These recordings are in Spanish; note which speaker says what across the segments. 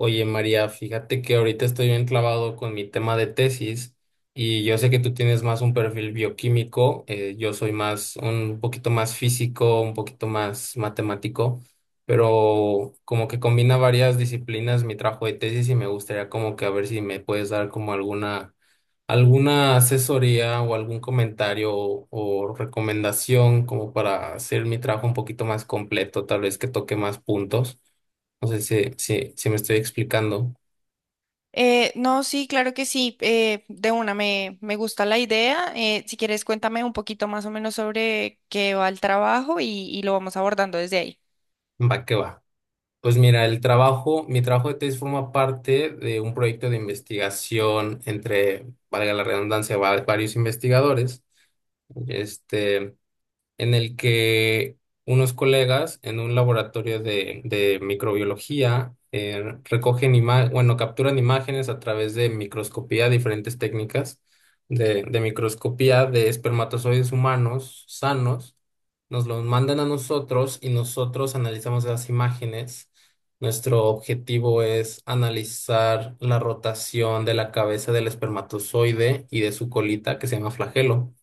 Speaker 1: Oye, María, fíjate que ahorita estoy bien clavado con mi tema de tesis y yo sé que tú tienes más un perfil bioquímico, yo soy más un poquito más físico, un poquito más matemático, pero como que combina varias disciplinas mi trabajo de tesis y me gustaría como que a ver si me puedes dar como alguna asesoría o algún comentario o recomendación como para hacer mi trabajo un poquito más completo, tal vez que toque más puntos. No sé si me estoy explicando.
Speaker 2: No, sí, claro que sí. De una, me gusta la idea. Si quieres, cuéntame un poquito más o menos sobre qué va el trabajo y lo vamos abordando desde ahí.
Speaker 1: Va que va. Pues mira, el trabajo, mi trabajo de tesis forma parte de un proyecto de investigación entre, valga la redundancia, varios investigadores. Este, en el que unos colegas en un laboratorio de microbiología recogen imágenes, bueno, capturan imágenes a través de microscopía, diferentes técnicas de microscopía de espermatozoides humanos sanos, nos los mandan a nosotros y nosotros analizamos las imágenes. Nuestro objetivo es analizar la rotación de la cabeza del espermatozoide y de su colita, que se llama flagelo.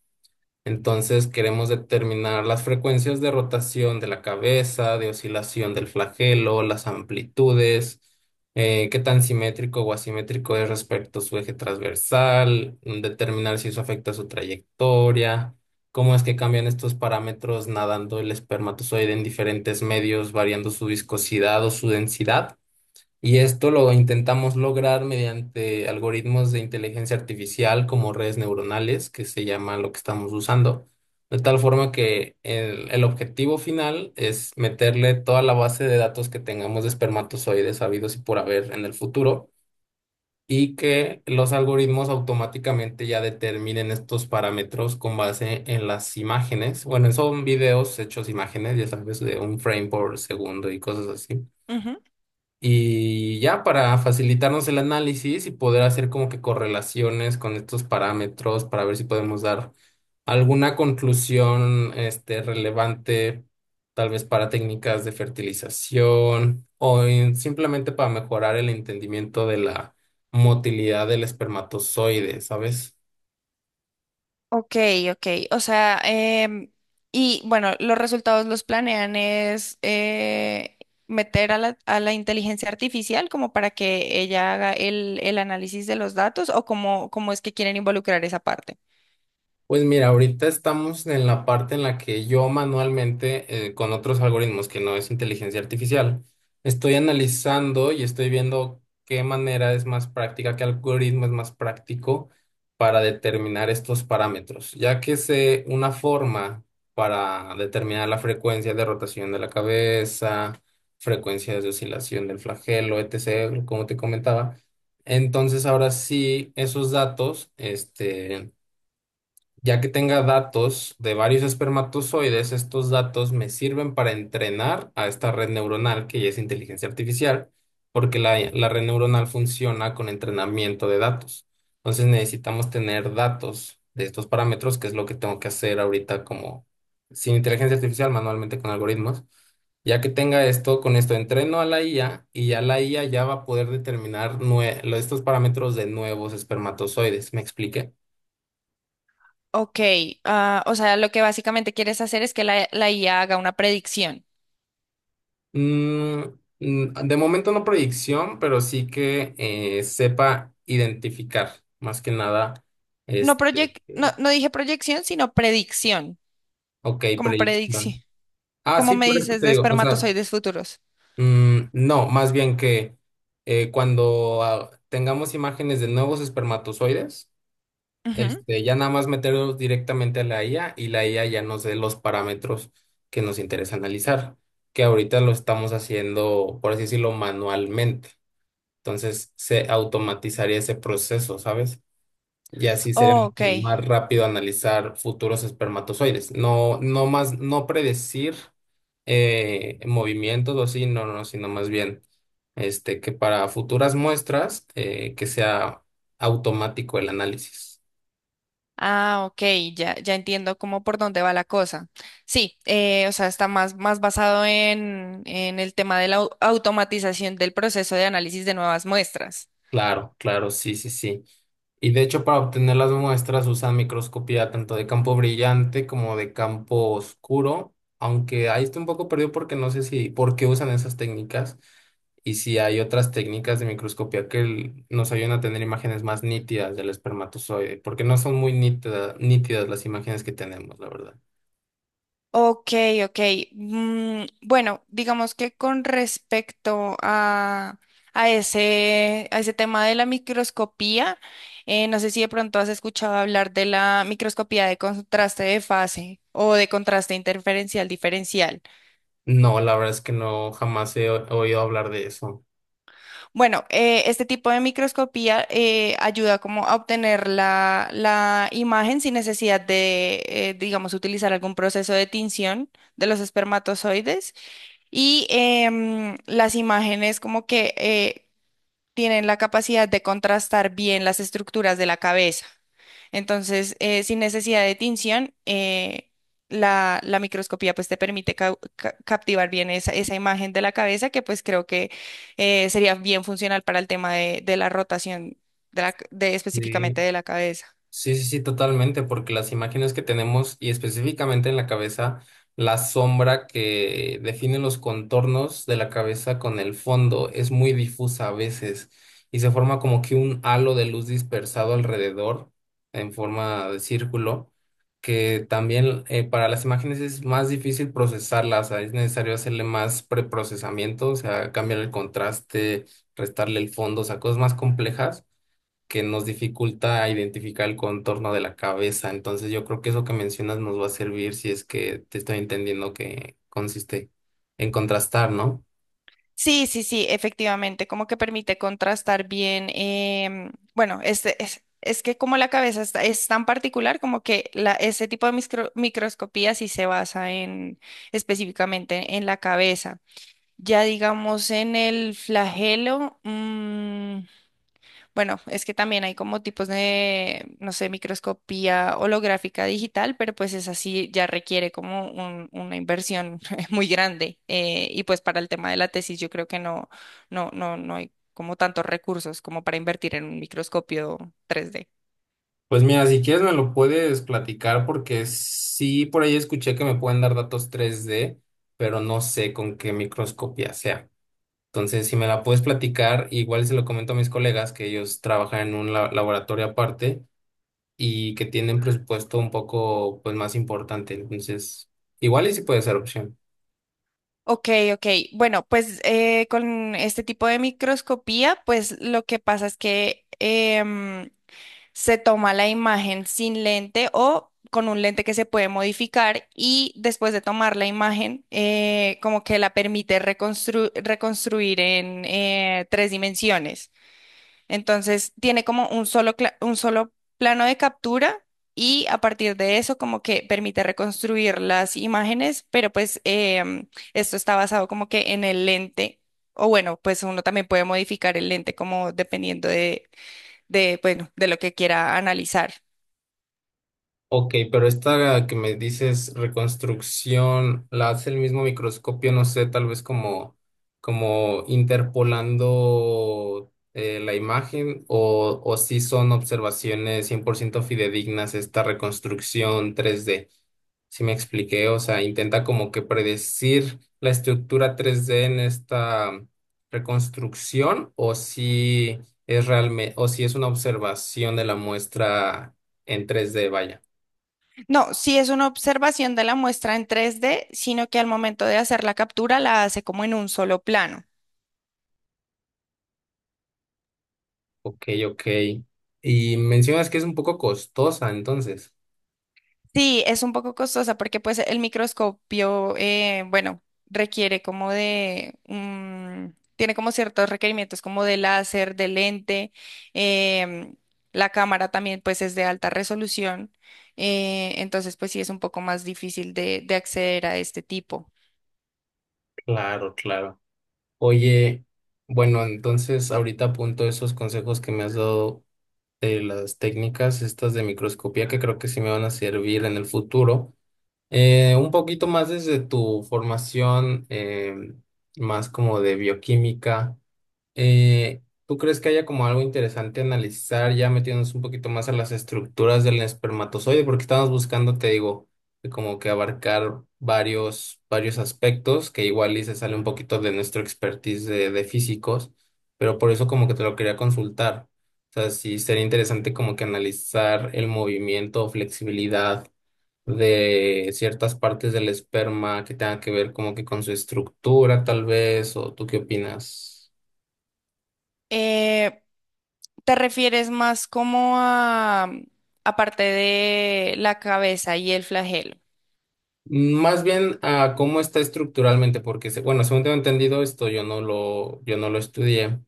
Speaker 1: Entonces queremos determinar las frecuencias de rotación de la cabeza, de oscilación del flagelo, las amplitudes, qué tan simétrico o asimétrico es respecto a su eje transversal, determinar si eso afecta a su trayectoria, cómo es que cambian estos parámetros nadando el espermatozoide en diferentes medios, variando su viscosidad o su densidad. Y esto lo intentamos lograr mediante algoritmos de inteligencia artificial como redes neuronales, que se llama lo que estamos usando. De tal forma que el objetivo final es meterle toda la base de datos que tengamos de espermatozoides habidos y por haber en el futuro y que los algoritmos automáticamente ya determinen estos parámetros con base en las imágenes. Bueno, son videos hechos imágenes, ya sabes, de un frame por segundo y cosas así.
Speaker 2: Ujú.
Speaker 1: Y ya para facilitarnos el análisis y poder hacer como que correlaciones con estos parámetros para ver si podemos dar alguna conclusión este, relevante, tal vez para técnicas de fertilización o simplemente para mejorar el entendimiento de la motilidad del espermatozoide, ¿sabes?
Speaker 2: Ok, ok. O sea, y bueno, los resultados los planean es meter a a la inteligencia artificial como para que ella haga el análisis de los datos o cómo es que quieren involucrar esa parte.
Speaker 1: Pues mira, ahorita estamos en la parte en la que yo manualmente, con otros algoritmos que no es inteligencia artificial, estoy analizando y estoy viendo qué manera es más práctica, qué algoritmo es más práctico para determinar estos parámetros, ya que sé una forma para determinar la frecuencia de rotación de la cabeza, frecuencias de oscilación del flagelo, etc., como te comentaba. Entonces, ahora sí, esos datos, este ya que tenga datos de varios espermatozoides, estos datos me sirven para entrenar a esta red neuronal, que ya es inteligencia artificial, porque la red neuronal funciona con entrenamiento de datos. Entonces necesitamos tener datos de estos parámetros, que es lo que tengo que hacer ahorita como sin inteligencia artificial, manualmente con algoritmos. Ya que tenga esto, con esto entreno a la IA y ya la IA ya va a poder determinar estos parámetros de nuevos espermatozoides. ¿Me expliqué?
Speaker 2: Ok, ah, o sea, lo que básicamente quieres hacer es que la IA haga una predicción.
Speaker 1: Mm, de momento no predicción, pero sí que sepa identificar, más que nada,
Speaker 2: No,
Speaker 1: este,
Speaker 2: no dije proyección, sino predicción.
Speaker 1: ok,
Speaker 2: Como predicción.
Speaker 1: predicción. Ah,
Speaker 2: ¿Como
Speaker 1: sí,
Speaker 2: me
Speaker 1: por eso
Speaker 2: dices
Speaker 1: te
Speaker 2: de
Speaker 1: digo, o sea,
Speaker 2: espermatozoides futuros?
Speaker 1: no, más bien que cuando tengamos imágenes de nuevos espermatozoides,
Speaker 2: Ujú.
Speaker 1: este, ya nada más meterlos directamente a la IA y la IA ya nos dé los parámetros que nos interesa analizar, que ahorita lo estamos haciendo, por así decirlo, manualmente. Entonces se automatizaría ese proceso, ¿sabes? Y así sería
Speaker 2: Oh, ok.
Speaker 1: mucho más rápido analizar futuros espermatozoides. No, no más, no predecir movimientos o así, no, no, sino más bien este, que para futuras muestras que sea automático el análisis.
Speaker 2: Ah, ok, ya entiendo cómo por dónde va la cosa. Sí, o sea, está más basado en el tema de la automatización del proceso de análisis de nuevas muestras.
Speaker 1: Claro, claro, sí, sí, sí. Y de hecho, para obtener las muestras usan microscopía tanto de campo brillante como de campo oscuro, aunque ahí estoy un poco perdido porque no sé si por qué usan esas técnicas y si hay otras técnicas de microscopía que nos ayudan a tener imágenes más nítidas del espermatozoide, porque no son muy nítidas las imágenes que tenemos, la verdad.
Speaker 2: Ok, ok. Mm, bueno, digamos que con respecto a ese tema de la microscopía, no sé si de pronto has escuchado hablar de la microscopía de contraste de fase o de contraste interferencial diferencial.
Speaker 1: No, la verdad es que no, jamás he oído hablar de eso.
Speaker 2: Bueno, este tipo de microscopía ayuda como a obtener la imagen sin necesidad de, digamos, utilizar algún proceso de tinción de los espermatozoides. Y las imágenes como que tienen la capacidad de contrastar bien las estructuras de la cabeza. Entonces, sin necesidad de tinción, la microscopía pues te permite captivar bien esa, esa imagen de la cabeza que pues creo que sería bien funcional para el tema de la rotación de la c- de
Speaker 1: Sí.
Speaker 2: específicamente de la cabeza.
Speaker 1: Sí, sí, sí, totalmente, porque las imágenes que tenemos y específicamente en la cabeza, la sombra que define los contornos de la cabeza con el fondo es muy difusa a veces y se forma como que un halo de luz dispersado alrededor en forma de círculo, que también para las imágenes es más difícil procesarlas, o sea, es necesario hacerle más preprocesamiento, o sea, cambiar el contraste, restarle el fondo, o sea, cosas más complejas que nos dificulta identificar el contorno de la cabeza. Entonces yo creo que eso que mencionas nos va a servir si es que te estoy entendiendo que consiste en contrastar, ¿no?
Speaker 2: Sí, sí, sí, efectivamente, como que permite contrastar bien, em, bueno, este es que como la cabeza es tan particular, como que ese tipo de microscopía sí se basa en específicamente en la cabeza. Ya digamos en el flagelo, mm, bueno, es que también hay como tipos de, no sé, microscopía holográfica digital, pero pues es así, ya requiere como una inversión muy grande. Y pues para el tema de la tesis yo creo que no, no hay como tantos recursos como para invertir en un microscopio 3D.
Speaker 1: Pues mira, si quieres me lo puedes platicar porque sí, por ahí escuché que me pueden dar datos 3D pero no sé con qué microscopía sea. Entonces, si me la puedes platicar, igual se lo comento a mis colegas que ellos trabajan en un laboratorio aparte y que tienen presupuesto un poco pues más importante. Entonces, igual y sí puede ser opción.
Speaker 2: Ok, ok. Bueno, pues con este tipo de microscopía, pues lo que pasa es que se toma la imagen sin lente o con un lente que se puede modificar y después de tomar la imagen, como que la permite reconstruir en tres dimensiones. Entonces, tiene como un solo, un solo plano de captura y a partir de eso, como que permite reconstruir las imágenes, pero pues em, esto está basado como que en el lente. O bueno, pues uno también puede modificar el lente como dependiendo de, bueno, de lo que quiera analizar.
Speaker 1: Ok, pero esta que me dices reconstrucción, ¿la hace el mismo microscopio, no sé, tal vez como, como interpolando la imagen o si son observaciones 100% fidedignas esta reconstrucción 3D? Si me expliqué, o sea, intenta como que predecir la estructura 3D en esta reconstrucción o si es realmente, o si es una observación de la muestra en 3D, vaya.
Speaker 2: No, sí es una observación de la muestra en 3D, sino que al momento de hacer la captura la hace como en un solo plano.
Speaker 1: Ok, ok. Y mencionas que es un poco costosa, entonces.
Speaker 2: Sí, es un poco costosa porque pues el microscopio, bueno, requiere como de, tiene como ciertos requerimientos como de láser, de lente, em, la cámara también pues es de alta resolución, entonces pues sí es un poco más difícil de acceder a este tipo.
Speaker 1: Claro, claro. Oye, bueno, entonces ahorita apunto esos consejos que me has dado de las técnicas estas de microscopía que creo que sí me van a servir en el futuro. Un poquito más desde tu formación, más como de bioquímica. ¿Tú crees que haya como algo interesante analizar ya metiéndonos un poquito más a las estructuras del espermatozoide? Porque estamos buscando, te digo, que como que abarcar varios, varios aspectos que igual y se sale un poquito de nuestro expertise de físicos, pero por eso como que te lo quería consultar. O sea, sí sería interesante como que analizar el movimiento o flexibilidad de ciertas partes del esperma que tengan que ver como que con su estructura tal vez, o ¿tú qué opinas?
Speaker 2: Eh, ¿Te refieres más como a, aparte de la cabeza y el flagelo?
Speaker 1: Más bien a cómo está estructuralmente, porque bueno, según tengo entendido esto, yo no lo estudié,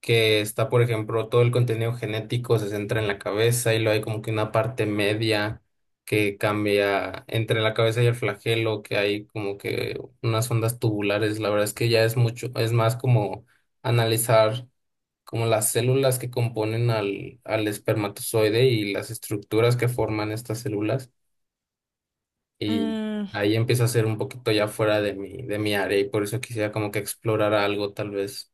Speaker 1: que está, por ejemplo, todo el contenido genético se centra en la cabeza y luego hay como que una parte media que cambia entre la cabeza y el flagelo, que hay como que unas ondas tubulares. La verdad es que ya es mucho, es más como analizar como las células que componen al espermatozoide y las estructuras que forman estas células y
Speaker 2: Mm.
Speaker 1: ahí empieza a ser un poquito ya fuera de mi área y por eso quisiera como que explorar algo tal vez.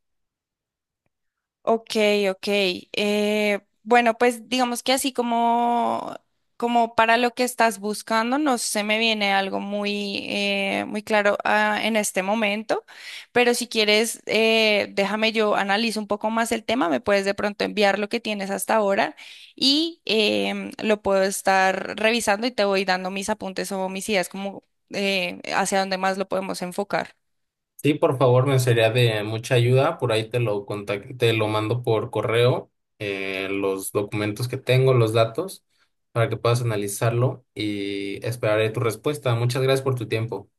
Speaker 2: Ok, ok. Bueno, pues digamos que así como, como para lo que estás buscando, no se me viene algo muy, muy claro, ah, en este momento, pero si quieres, déjame yo analizo un poco más el tema, me puedes de pronto enviar lo que tienes hasta ahora y em, lo puedo estar revisando y te voy dando mis apuntes o mis ideas como hacia dónde más lo podemos enfocar.
Speaker 1: Sí, por favor, me sería de mucha ayuda. Por ahí te lo mando por correo, los documentos que tengo, los datos, para que puedas analizarlo y esperaré tu respuesta. Muchas gracias por tu tiempo.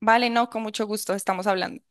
Speaker 2: Vale, no, con mucho gusto, estamos hablando.